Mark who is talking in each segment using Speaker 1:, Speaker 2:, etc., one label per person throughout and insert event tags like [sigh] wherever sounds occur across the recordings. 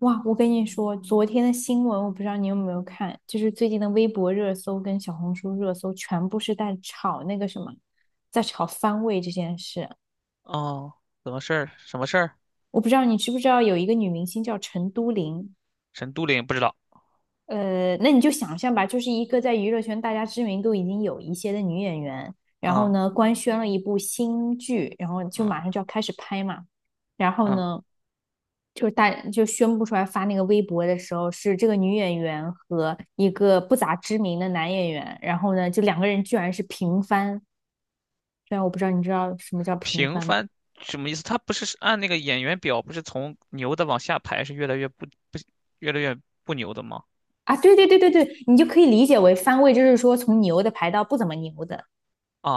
Speaker 1: 哇，我跟你说，昨天的新闻我不知道你有没有看，就是最近的微博热搜跟小红书热搜全部是在炒那个什么，在炒番位这件事。
Speaker 2: 哦，怎么事儿？什么事儿？
Speaker 1: 我不知道你知不知道有一个女明星叫陈都灵，
Speaker 2: 陈都灵不知道。
Speaker 1: 那你就想象吧，就是一个在娱乐圈大家知名度已经有一些的女演员，然后
Speaker 2: 嗯
Speaker 1: 呢官宣了一部新剧，然后就
Speaker 2: 嗯
Speaker 1: 马上就要开始拍嘛，然后
Speaker 2: 嗯，
Speaker 1: 呢。就是大就宣布出来发那个微博的时候，是这个女演员和一个不咋知名的男演员，然后呢，就两个人居然是平番。虽然我不知道你知道什么叫平
Speaker 2: 平
Speaker 1: 番吗？
Speaker 2: 凡什么意思？他不是按那个演员表，不是从牛的往下排，是不越来越不牛的吗？
Speaker 1: 啊，对对对对对，你就可以理解为番位，就是说从牛的排到不怎么牛的。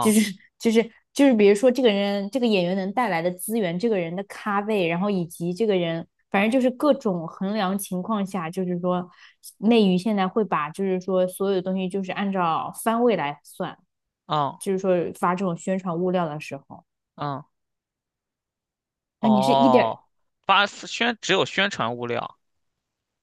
Speaker 1: 就是就是，比如说这个人这个演员能带来的资源，这个人的咖位，然后以及这个人，反正就是各种衡量情况下，就是说内娱现在会把就是说所有的东西就是按照番位来算，
Speaker 2: 啊
Speaker 1: 就是说发这种宣传物料的时候，
Speaker 2: 啊！
Speaker 1: 啊，你是一点
Speaker 2: 哦，发宣只有宣传物料。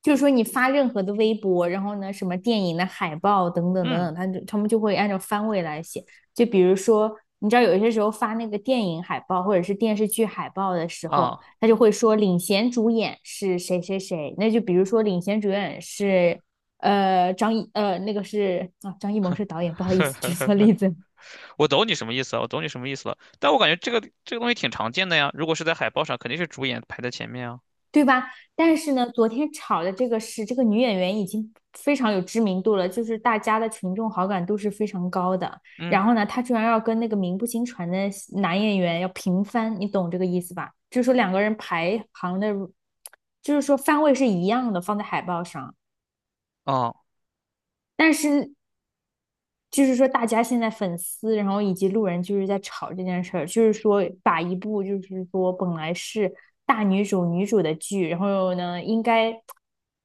Speaker 1: 就是说你发任何的微博，然后呢，什么电影的海报等等等
Speaker 2: 嗯
Speaker 1: 等，他们就会按照番位来写。就比如说，你知道有些时候发那个电影海报或者是电视剧海报的时候，
Speaker 2: 啊，
Speaker 1: 他就会说领衔主演是谁谁谁。那就比如说领衔主演是张艺谋是导演，不好意思举错
Speaker 2: [laughs]
Speaker 1: 例子。
Speaker 2: 我懂你什么意思了，我懂你什么意思了。但我感觉这个东西挺常见的呀，如果是在海报上，肯定是主演排在前面啊。
Speaker 1: 对吧？但是呢，昨天炒的这个是这个女演员已经非常有知名度了，就是大家的群众好感度是非常高的。
Speaker 2: 嗯，
Speaker 1: 然后呢，她居然要跟那个名不经传的男演员要平番，你懂这个意思吧？就是说两个人排行的，就是说番位是一样的，放在海报上。
Speaker 2: 哦
Speaker 1: 但是就是说大家现在粉丝，然后以及路人就是在吵这件事儿，就是说把一部就是说本来是大女主女主的剧，然后呢应该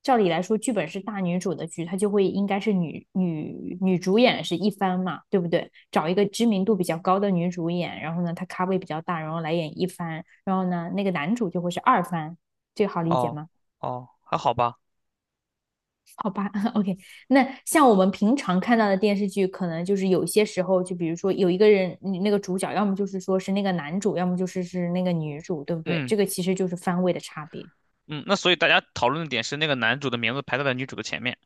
Speaker 1: 照理来说剧本是大女主的剧，它就会应该是女主演是一番嘛，对不对？找一个知名度比较高的女主演，然后呢她咖位比较大，然后来演一番，然后呢那个男主就会是二番，这个好理解
Speaker 2: 哦
Speaker 1: 吗？
Speaker 2: 哦，还好吧。
Speaker 1: 好吧 [laughs]，OK，那像我们平常看到的电视剧，可能就是有些时候，就比如说有一个人，你那个主角，要么就是说是那个男主，要么是那个女主，对不对？
Speaker 2: 嗯。
Speaker 1: 这个其实就是番位的差别。
Speaker 2: 嗯，那所以大家讨论的点是那个男主的名字排在了女主的前面。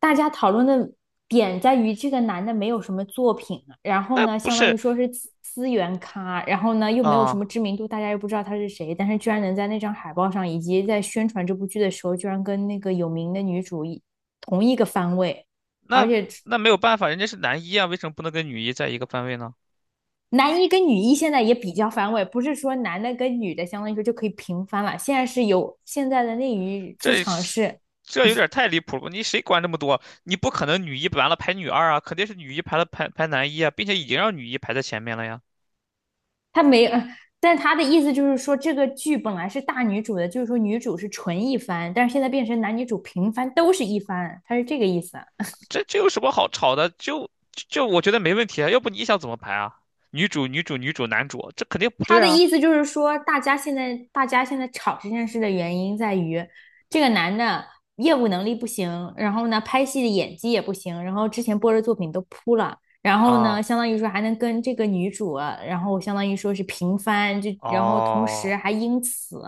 Speaker 1: 大家讨论的点在于这个男的没有什么作品，然后
Speaker 2: 那
Speaker 1: 呢，
Speaker 2: 不
Speaker 1: 相当
Speaker 2: 是
Speaker 1: 于说是资源咖，然后呢又没有什
Speaker 2: 啊？
Speaker 1: 么知名度，大家又不知道他是谁，但是居然能在那张海报上，以及在宣传这部剧的时候，居然跟那个有名的女主同一个番位。而
Speaker 2: 那
Speaker 1: 且
Speaker 2: 那没有办法，人家是男一啊，为什么不能跟女一在一个番位呢？
Speaker 1: 男一跟女一现在也比较反尾，不是说男的跟女的相当于说就可以平翻了。现在是有现在的内娱剧
Speaker 2: 这
Speaker 1: 场
Speaker 2: 是
Speaker 1: 是，
Speaker 2: 这有点太离谱了，你谁管这么多？你不可能女一完了排女二啊，肯定是女一排了排排男一啊，并且已经让女一排在前面了呀。
Speaker 1: 他没，[laughs] 但他的意思就是说这个剧本来是大女主的，就是说女主是纯一番，但是现在变成男女主平翻都是一番，他是这个意思。
Speaker 2: 这有什么好吵的？就就就我觉得没问题啊，要不你想怎么排啊？女主女主女主男主，这肯定不
Speaker 1: 他
Speaker 2: 对
Speaker 1: 的
Speaker 2: 啊！
Speaker 1: 意思就是说，大家现在吵这件事的原因在于，这个男的业务能力不行，然后呢，拍戏的演技也不行，然后之前播的作品都扑了，然后
Speaker 2: 啊
Speaker 1: 呢，相当于说还能跟这个女主，然后相当于说是平番，就然后同
Speaker 2: 哦。
Speaker 1: 时还因此，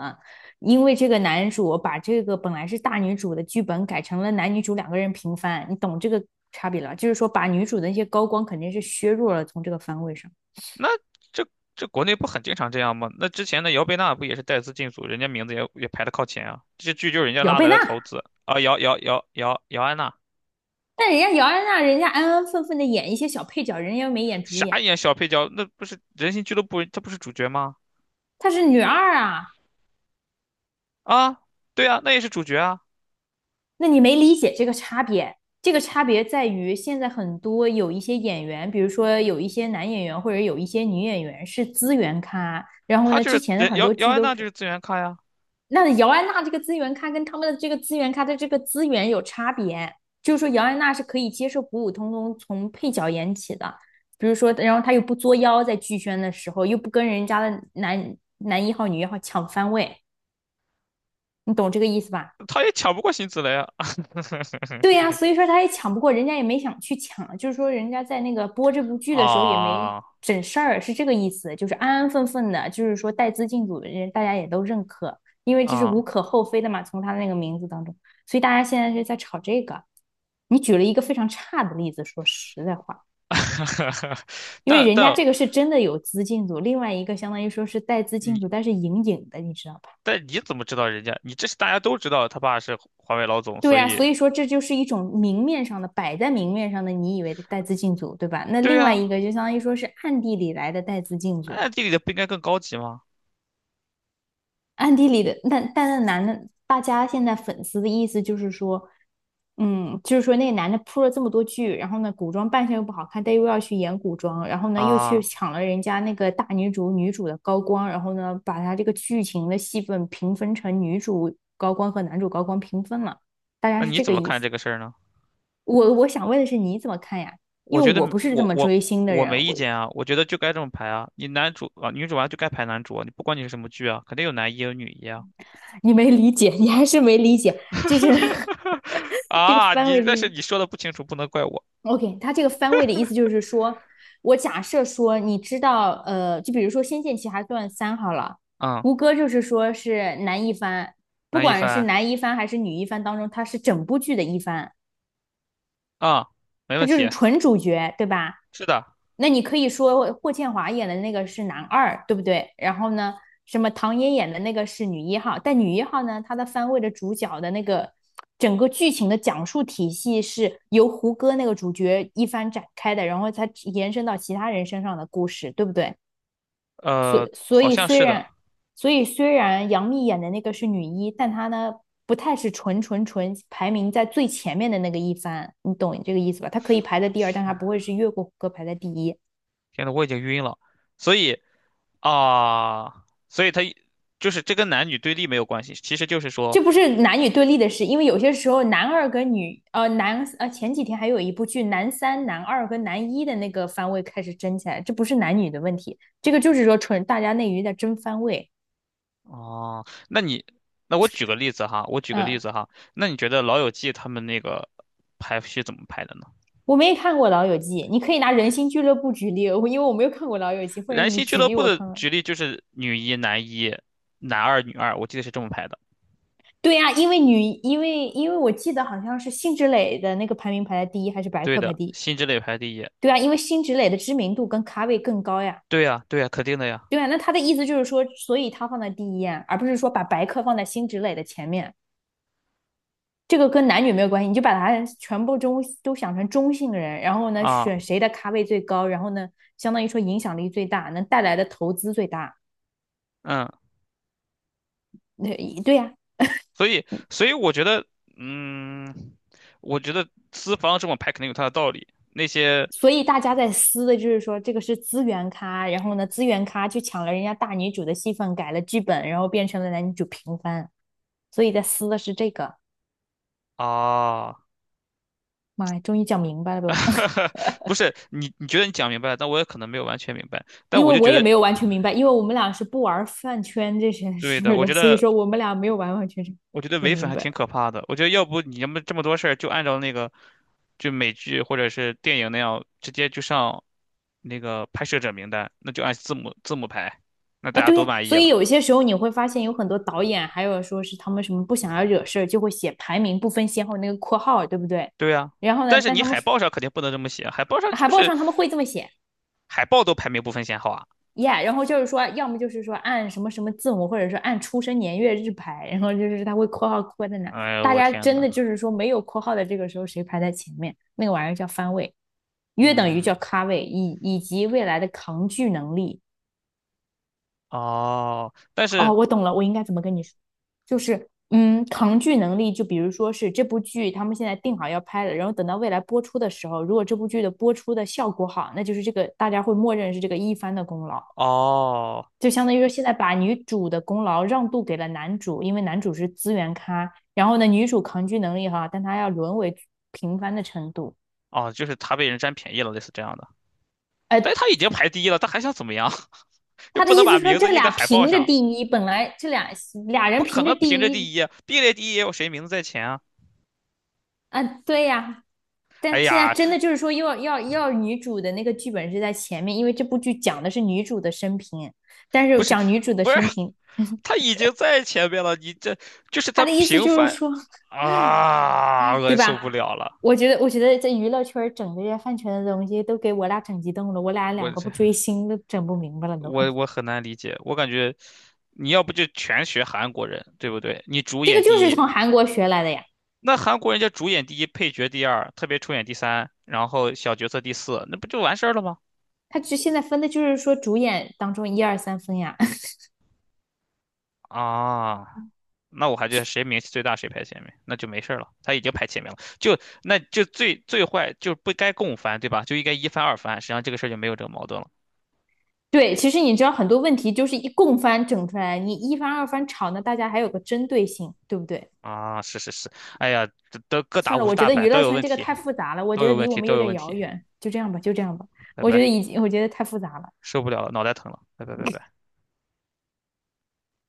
Speaker 1: 因为这个男主把这个本来是大女主的剧本改成了男女主两个人平番，你懂这个差别了？就是说把女主的那些高光肯定是削弱了从这个番位上。
Speaker 2: 那这这国内不很经常这样吗？那之前的姚贝娜不也是带资进组，人家名字也排得靠前啊。这些剧就是人家
Speaker 1: 姚
Speaker 2: 拉
Speaker 1: 贝
Speaker 2: 来
Speaker 1: 娜。
Speaker 2: 的投资啊，姚安娜，
Speaker 1: 但人家姚安娜，人家安安分分的演一些小配角，人家又没演主
Speaker 2: 啥
Speaker 1: 演，
Speaker 2: 演小配角？那不是人形俱乐部，她不是主角吗？
Speaker 1: 她是女二啊。
Speaker 2: 啊，对啊，那也是主角啊。
Speaker 1: 那你没理解这个差别？这个差别在于现在很多有一些演员，比如说有一些男演员或者有一些女演员是资源咖，然后
Speaker 2: 他
Speaker 1: 呢，
Speaker 2: 就
Speaker 1: 之
Speaker 2: 是
Speaker 1: 前的
Speaker 2: 人
Speaker 1: 很
Speaker 2: 姚
Speaker 1: 多
Speaker 2: 姚
Speaker 1: 剧
Speaker 2: 安
Speaker 1: 都
Speaker 2: 娜就
Speaker 1: 是
Speaker 2: 是资源咖呀。
Speaker 1: 那姚安娜这个资源咖跟他们的这个资源咖的这个资源有差别，就是说姚安娜是可以接受普普通通从配角演起的，比如说，然后她又不作妖，在剧宣的时候又不跟人家的男一号、女一号抢番位，你懂这个意思吧？
Speaker 2: 他也抢不过辛芷蕾啊。
Speaker 1: 对呀，
Speaker 2: [laughs]
Speaker 1: 所以说他也抢不过，人家也没想去抢，就是说人家在那个播这部剧的时候也没
Speaker 2: 啊
Speaker 1: 整事儿，是这个意思，就是安安分分的，就是说带资进组的人大家也都认可，因为这是无
Speaker 2: 啊，
Speaker 1: 可厚非的嘛，从他的那个名字当中，所以大家现在是在炒这个。你举了一个非常差的例子，说实在话，
Speaker 2: [laughs]
Speaker 1: 因为
Speaker 2: 但
Speaker 1: 人家
Speaker 2: 但
Speaker 1: 这个是真的有资进组，另外一个相当于说是带资进组，
Speaker 2: 你
Speaker 1: 但是隐隐的，你知道吧？
Speaker 2: 但你怎么知道人家？你这是大家都知道他爸是华为老总，
Speaker 1: 对
Speaker 2: 所
Speaker 1: 呀，
Speaker 2: 以
Speaker 1: 所以说这就是一种明面上的，摆在明面上的，你以为的带资进组，对吧？那
Speaker 2: 对
Speaker 1: 另外
Speaker 2: 呀，
Speaker 1: 一个就相当于说是暗地里来的带资进组，
Speaker 2: 那地理的不应该更高级吗？
Speaker 1: 暗地里的。那但那男的，大家现在粉丝的意思就是说，嗯，就是说那个男的铺了这么多剧，然后呢，古装扮相又不好看，但又要去演古装，然后呢又去
Speaker 2: 啊，
Speaker 1: 抢了人家那个大女主女主的高光，然后呢把他这个剧情的戏份平分成女主高光和男主高光平分了，大家
Speaker 2: 那
Speaker 1: 是
Speaker 2: 你
Speaker 1: 这
Speaker 2: 怎
Speaker 1: 个
Speaker 2: 么
Speaker 1: 意
Speaker 2: 看
Speaker 1: 思。
Speaker 2: 这个事儿呢？
Speaker 1: 我想问的是你怎么看呀？
Speaker 2: 我
Speaker 1: 因为
Speaker 2: 觉得
Speaker 1: 我不是这么追星的
Speaker 2: 我
Speaker 1: 人，
Speaker 2: 没意见啊，我觉得就该这么排啊。你男主啊，女主啊就该排男主啊，你不管你是什么剧啊，肯定有男一有女一啊。
Speaker 1: 你没理解，你还是没理解，就是
Speaker 2: [laughs]
Speaker 1: [laughs] 这个
Speaker 2: 啊，
Speaker 1: 番
Speaker 2: 你
Speaker 1: 位
Speaker 2: 但是你说的不清楚，不能怪我。
Speaker 1: OK，他这个番位的意思就是说，我假设说你知道，就比如说《仙剑奇侠传三》好了，
Speaker 2: 嗯，
Speaker 1: 胡歌就是说是男一番，不
Speaker 2: 男一
Speaker 1: 管是
Speaker 2: 番
Speaker 1: 男一番还是女一番当中，他是整部剧的一番。
Speaker 2: 啊，没
Speaker 1: 他
Speaker 2: 问
Speaker 1: 就是
Speaker 2: 题，
Speaker 1: 纯主角，对吧？
Speaker 2: 是的，
Speaker 1: 那你可以说霍建华演的那个是男二，对不对？然后呢，什么唐嫣演的那个是女一号，但女一号呢，她的番位的主角的那个整个剧情的讲述体系是由胡歌那个主角一番展开的，然后才延伸到其他人身上的故事，对不对？所所
Speaker 2: 好
Speaker 1: 以
Speaker 2: 像
Speaker 1: 虽
Speaker 2: 是的。
Speaker 1: 然所以虽然杨幂演的那个是女一，但她呢不太是纯排名在最前面的那个一番，你懂这个意思吧？她可以排在第二，但
Speaker 2: 天，
Speaker 1: 她不会是越过胡歌排在第一。
Speaker 2: 天呐，我已经晕了。所以啊，所以他就是这跟男女对立没有关系，其实就是说。
Speaker 1: 这不是男女对立的事，因为有些时候男二跟女男前几天还有一部剧男三、男二跟男一的那个番位开始争起来，这不是男女的问题，这个就是说纯大家内娱在争番位，
Speaker 2: 哦，那我举个例子哈，我举个例
Speaker 1: 嗯。
Speaker 2: 子哈，那你觉得《老友记》他们那个排序怎么排的呢？
Speaker 1: 我没看过《老友记》，你可以拿《人心俱乐部》举例，我因为我没有看过《老友记》，或者
Speaker 2: 燃
Speaker 1: 你
Speaker 2: 心俱
Speaker 1: 举
Speaker 2: 乐
Speaker 1: 例
Speaker 2: 部
Speaker 1: 我
Speaker 2: 的
Speaker 1: 看看。
Speaker 2: 举例就是女一、男一、男二、女二，我记得是这么排的。
Speaker 1: 对呀、因为我记得好像是辛芷蕾的那个排名排在第一，还是白
Speaker 2: 对
Speaker 1: 客排
Speaker 2: 的，
Speaker 1: 第一？
Speaker 2: 辛芷蕾排第一。
Speaker 1: 对啊，因为辛芷蕾的知名度跟咖位更高呀。
Speaker 2: 对呀，对呀，肯定的呀。
Speaker 1: 对啊，那他的意思就是说，所以他放在第一呀，而不是说把白客放在辛芷蕾的前面。这个跟男女没有关系，你就把他全部中都想成中性人，然后呢，
Speaker 2: 啊，
Speaker 1: 选谁的咖位最高，然后呢，相当于说影响力最大，能带来的投资最大。
Speaker 2: 嗯，
Speaker 1: 对对呀、
Speaker 2: 所以我觉得，嗯，我觉得资方这么排肯定有他的道理。那些
Speaker 1: 所以大家在撕的就是说，这个是资源咖，然后呢，资源咖去抢了人家大女主的戏份，改了剧本，然后变成了男女主平番，所以在撕的是这个。
Speaker 2: 啊，
Speaker 1: 妈呀，终于讲明白了吧？[laughs]
Speaker 2: 不是你，你觉得你讲明白了，但我也可能没有完全明白。但
Speaker 1: 因
Speaker 2: 我
Speaker 1: 为
Speaker 2: 就
Speaker 1: 我
Speaker 2: 觉
Speaker 1: 也
Speaker 2: 得，
Speaker 1: 没有完全明白，因为我们俩是不玩饭圈这些
Speaker 2: 对
Speaker 1: 事
Speaker 2: 的，
Speaker 1: 儿
Speaker 2: 我
Speaker 1: 的，
Speaker 2: 觉
Speaker 1: 所以
Speaker 2: 得
Speaker 1: 说我们俩没有完完全全
Speaker 2: 我觉得
Speaker 1: 整
Speaker 2: 伪粉
Speaker 1: 明
Speaker 2: 还
Speaker 1: 白
Speaker 2: 挺可怕的。我觉得要不你要么这么多事儿，就按照那个就美剧或者是电影那样，直接就上那个拍摄者名单，那就按字母排，那
Speaker 1: 啊。
Speaker 2: 大家
Speaker 1: 对呀，
Speaker 2: 都
Speaker 1: 啊
Speaker 2: 满意
Speaker 1: 所以
Speaker 2: 了。
Speaker 1: 有些时候你会发现，有很多导演还有说是他们什么不想要惹事儿，就会写排名不分先后那个括号，对不对？
Speaker 2: 对呀，
Speaker 1: 然后呢，
Speaker 2: 但是
Speaker 1: 但
Speaker 2: 你
Speaker 1: 他们
Speaker 2: 海报上肯定不能这么写，海报上
Speaker 1: 海
Speaker 2: 就
Speaker 1: 报
Speaker 2: 是
Speaker 1: 上他们会这么写。
Speaker 2: 海报都排名不分先后啊。
Speaker 1: ，yeah，然后就是说，要么就是说按什么什么字母，或者说按出生年月日排，然后就是他会括号括在哪。
Speaker 2: 哎呦
Speaker 1: 大
Speaker 2: 我
Speaker 1: 家
Speaker 2: 天
Speaker 1: 真
Speaker 2: 呐，
Speaker 1: 的就是说没有括号的这个时候，谁排在前面，那个玩意儿叫番位，约等于
Speaker 2: 嗯，
Speaker 1: 叫咖位，以及未来的扛巨能力。
Speaker 2: 哦，但
Speaker 1: 哦，
Speaker 2: 是
Speaker 1: 我懂了，我应该怎么跟你说？就是扛剧能力，就比如说是这部剧他们现在定好要拍了，然后等到未来播出的时候，如果这部剧的播出的效果好，那就是这个大家会默认是这个一番的功劳；
Speaker 2: 哦
Speaker 1: 就相当于说现在把女主的功劳让渡给了男主，因为男主是资源咖，然后呢，女主抗拒能力哈，但她要沦为平凡的程度。
Speaker 2: 哦，就是他被人占便宜了，类似这样的。
Speaker 1: 呃，
Speaker 2: 但是他已经排第一了，他还想怎么样？[laughs] 又
Speaker 1: 他的
Speaker 2: 不能
Speaker 1: 意
Speaker 2: 把
Speaker 1: 思说
Speaker 2: 名字
Speaker 1: 这
Speaker 2: 印
Speaker 1: 俩
Speaker 2: 在海报
Speaker 1: 凭着
Speaker 2: 上。
Speaker 1: 第一，本来这俩俩
Speaker 2: 不
Speaker 1: 人
Speaker 2: 可
Speaker 1: 凭着
Speaker 2: 能凭
Speaker 1: 第
Speaker 2: 着第
Speaker 1: 一
Speaker 2: 一啊，并列第一也有谁名字在前啊？
Speaker 1: 啊，对呀，
Speaker 2: 哎
Speaker 1: 但现在
Speaker 2: 呀，
Speaker 1: 真的就是说要女主的那个剧本是在前面，因为这部剧讲的是女主的生平，但
Speaker 2: 不
Speaker 1: 是
Speaker 2: 是，
Speaker 1: 讲女主的
Speaker 2: 不是，
Speaker 1: 生平，
Speaker 2: 他已经在前面了，你这就是
Speaker 1: 他
Speaker 2: 他
Speaker 1: 的意思
Speaker 2: 平
Speaker 1: 就是
Speaker 2: 翻
Speaker 1: 说。
Speaker 2: 啊，
Speaker 1: 对
Speaker 2: 我受不
Speaker 1: 吧？
Speaker 2: 了了，
Speaker 1: 我觉得，我觉得这娱乐圈儿整这些饭圈的东西都给我俩整激动了，我俩
Speaker 2: 我
Speaker 1: 两个不
Speaker 2: 这
Speaker 1: 追星都整不明白了都。
Speaker 2: 我我
Speaker 1: [laughs]
Speaker 2: 很难理解，我感觉你要不就全学韩国人，对不对？你主
Speaker 1: 这个
Speaker 2: 演
Speaker 1: 就
Speaker 2: 第
Speaker 1: 是
Speaker 2: 一，
Speaker 1: 从韩国学来的呀，
Speaker 2: 那韩国人家主演第一，配角第二，特别出演第三，然后小角色第四，那不就完事儿了吗？
Speaker 1: 他只现在分的就是说主演当中一二三分呀。[laughs]
Speaker 2: 啊，那我还觉得谁名气最大谁排前面，那就没事儿了。他已经排前面了，那就最最坏就不该共犯，对吧？就应该一翻二翻，实际上这个事儿就没有这个矛盾了。
Speaker 1: 对，其实你知道很多问题就是一共番整出来，你一番二番吵呢，大家还有个针对性，对不对？
Speaker 2: 啊，是是是，哎呀，这都各打
Speaker 1: 算了，
Speaker 2: 五十
Speaker 1: 我觉
Speaker 2: 大
Speaker 1: 得
Speaker 2: 板，
Speaker 1: 娱
Speaker 2: 都
Speaker 1: 乐
Speaker 2: 有
Speaker 1: 圈
Speaker 2: 问
Speaker 1: 这个
Speaker 2: 题，
Speaker 1: 太复杂了，我
Speaker 2: 都
Speaker 1: 觉得
Speaker 2: 有
Speaker 1: 离
Speaker 2: 问
Speaker 1: 我
Speaker 2: 题，
Speaker 1: 们
Speaker 2: 都
Speaker 1: 有
Speaker 2: 有
Speaker 1: 点
Speaker 2: 问
Speaker 1: 遥
Speaker 2: 题，
Speaker 1: 远，就这样吧，就这样吧，
Speaker 2: 拜
Speaker 1: 我觉得
Speaker 2: 拜，
Speaker 1: 已经，我觉得太复杂了。
Speaker 2: 受不了了，脑袋疼了，拜拜拜拜。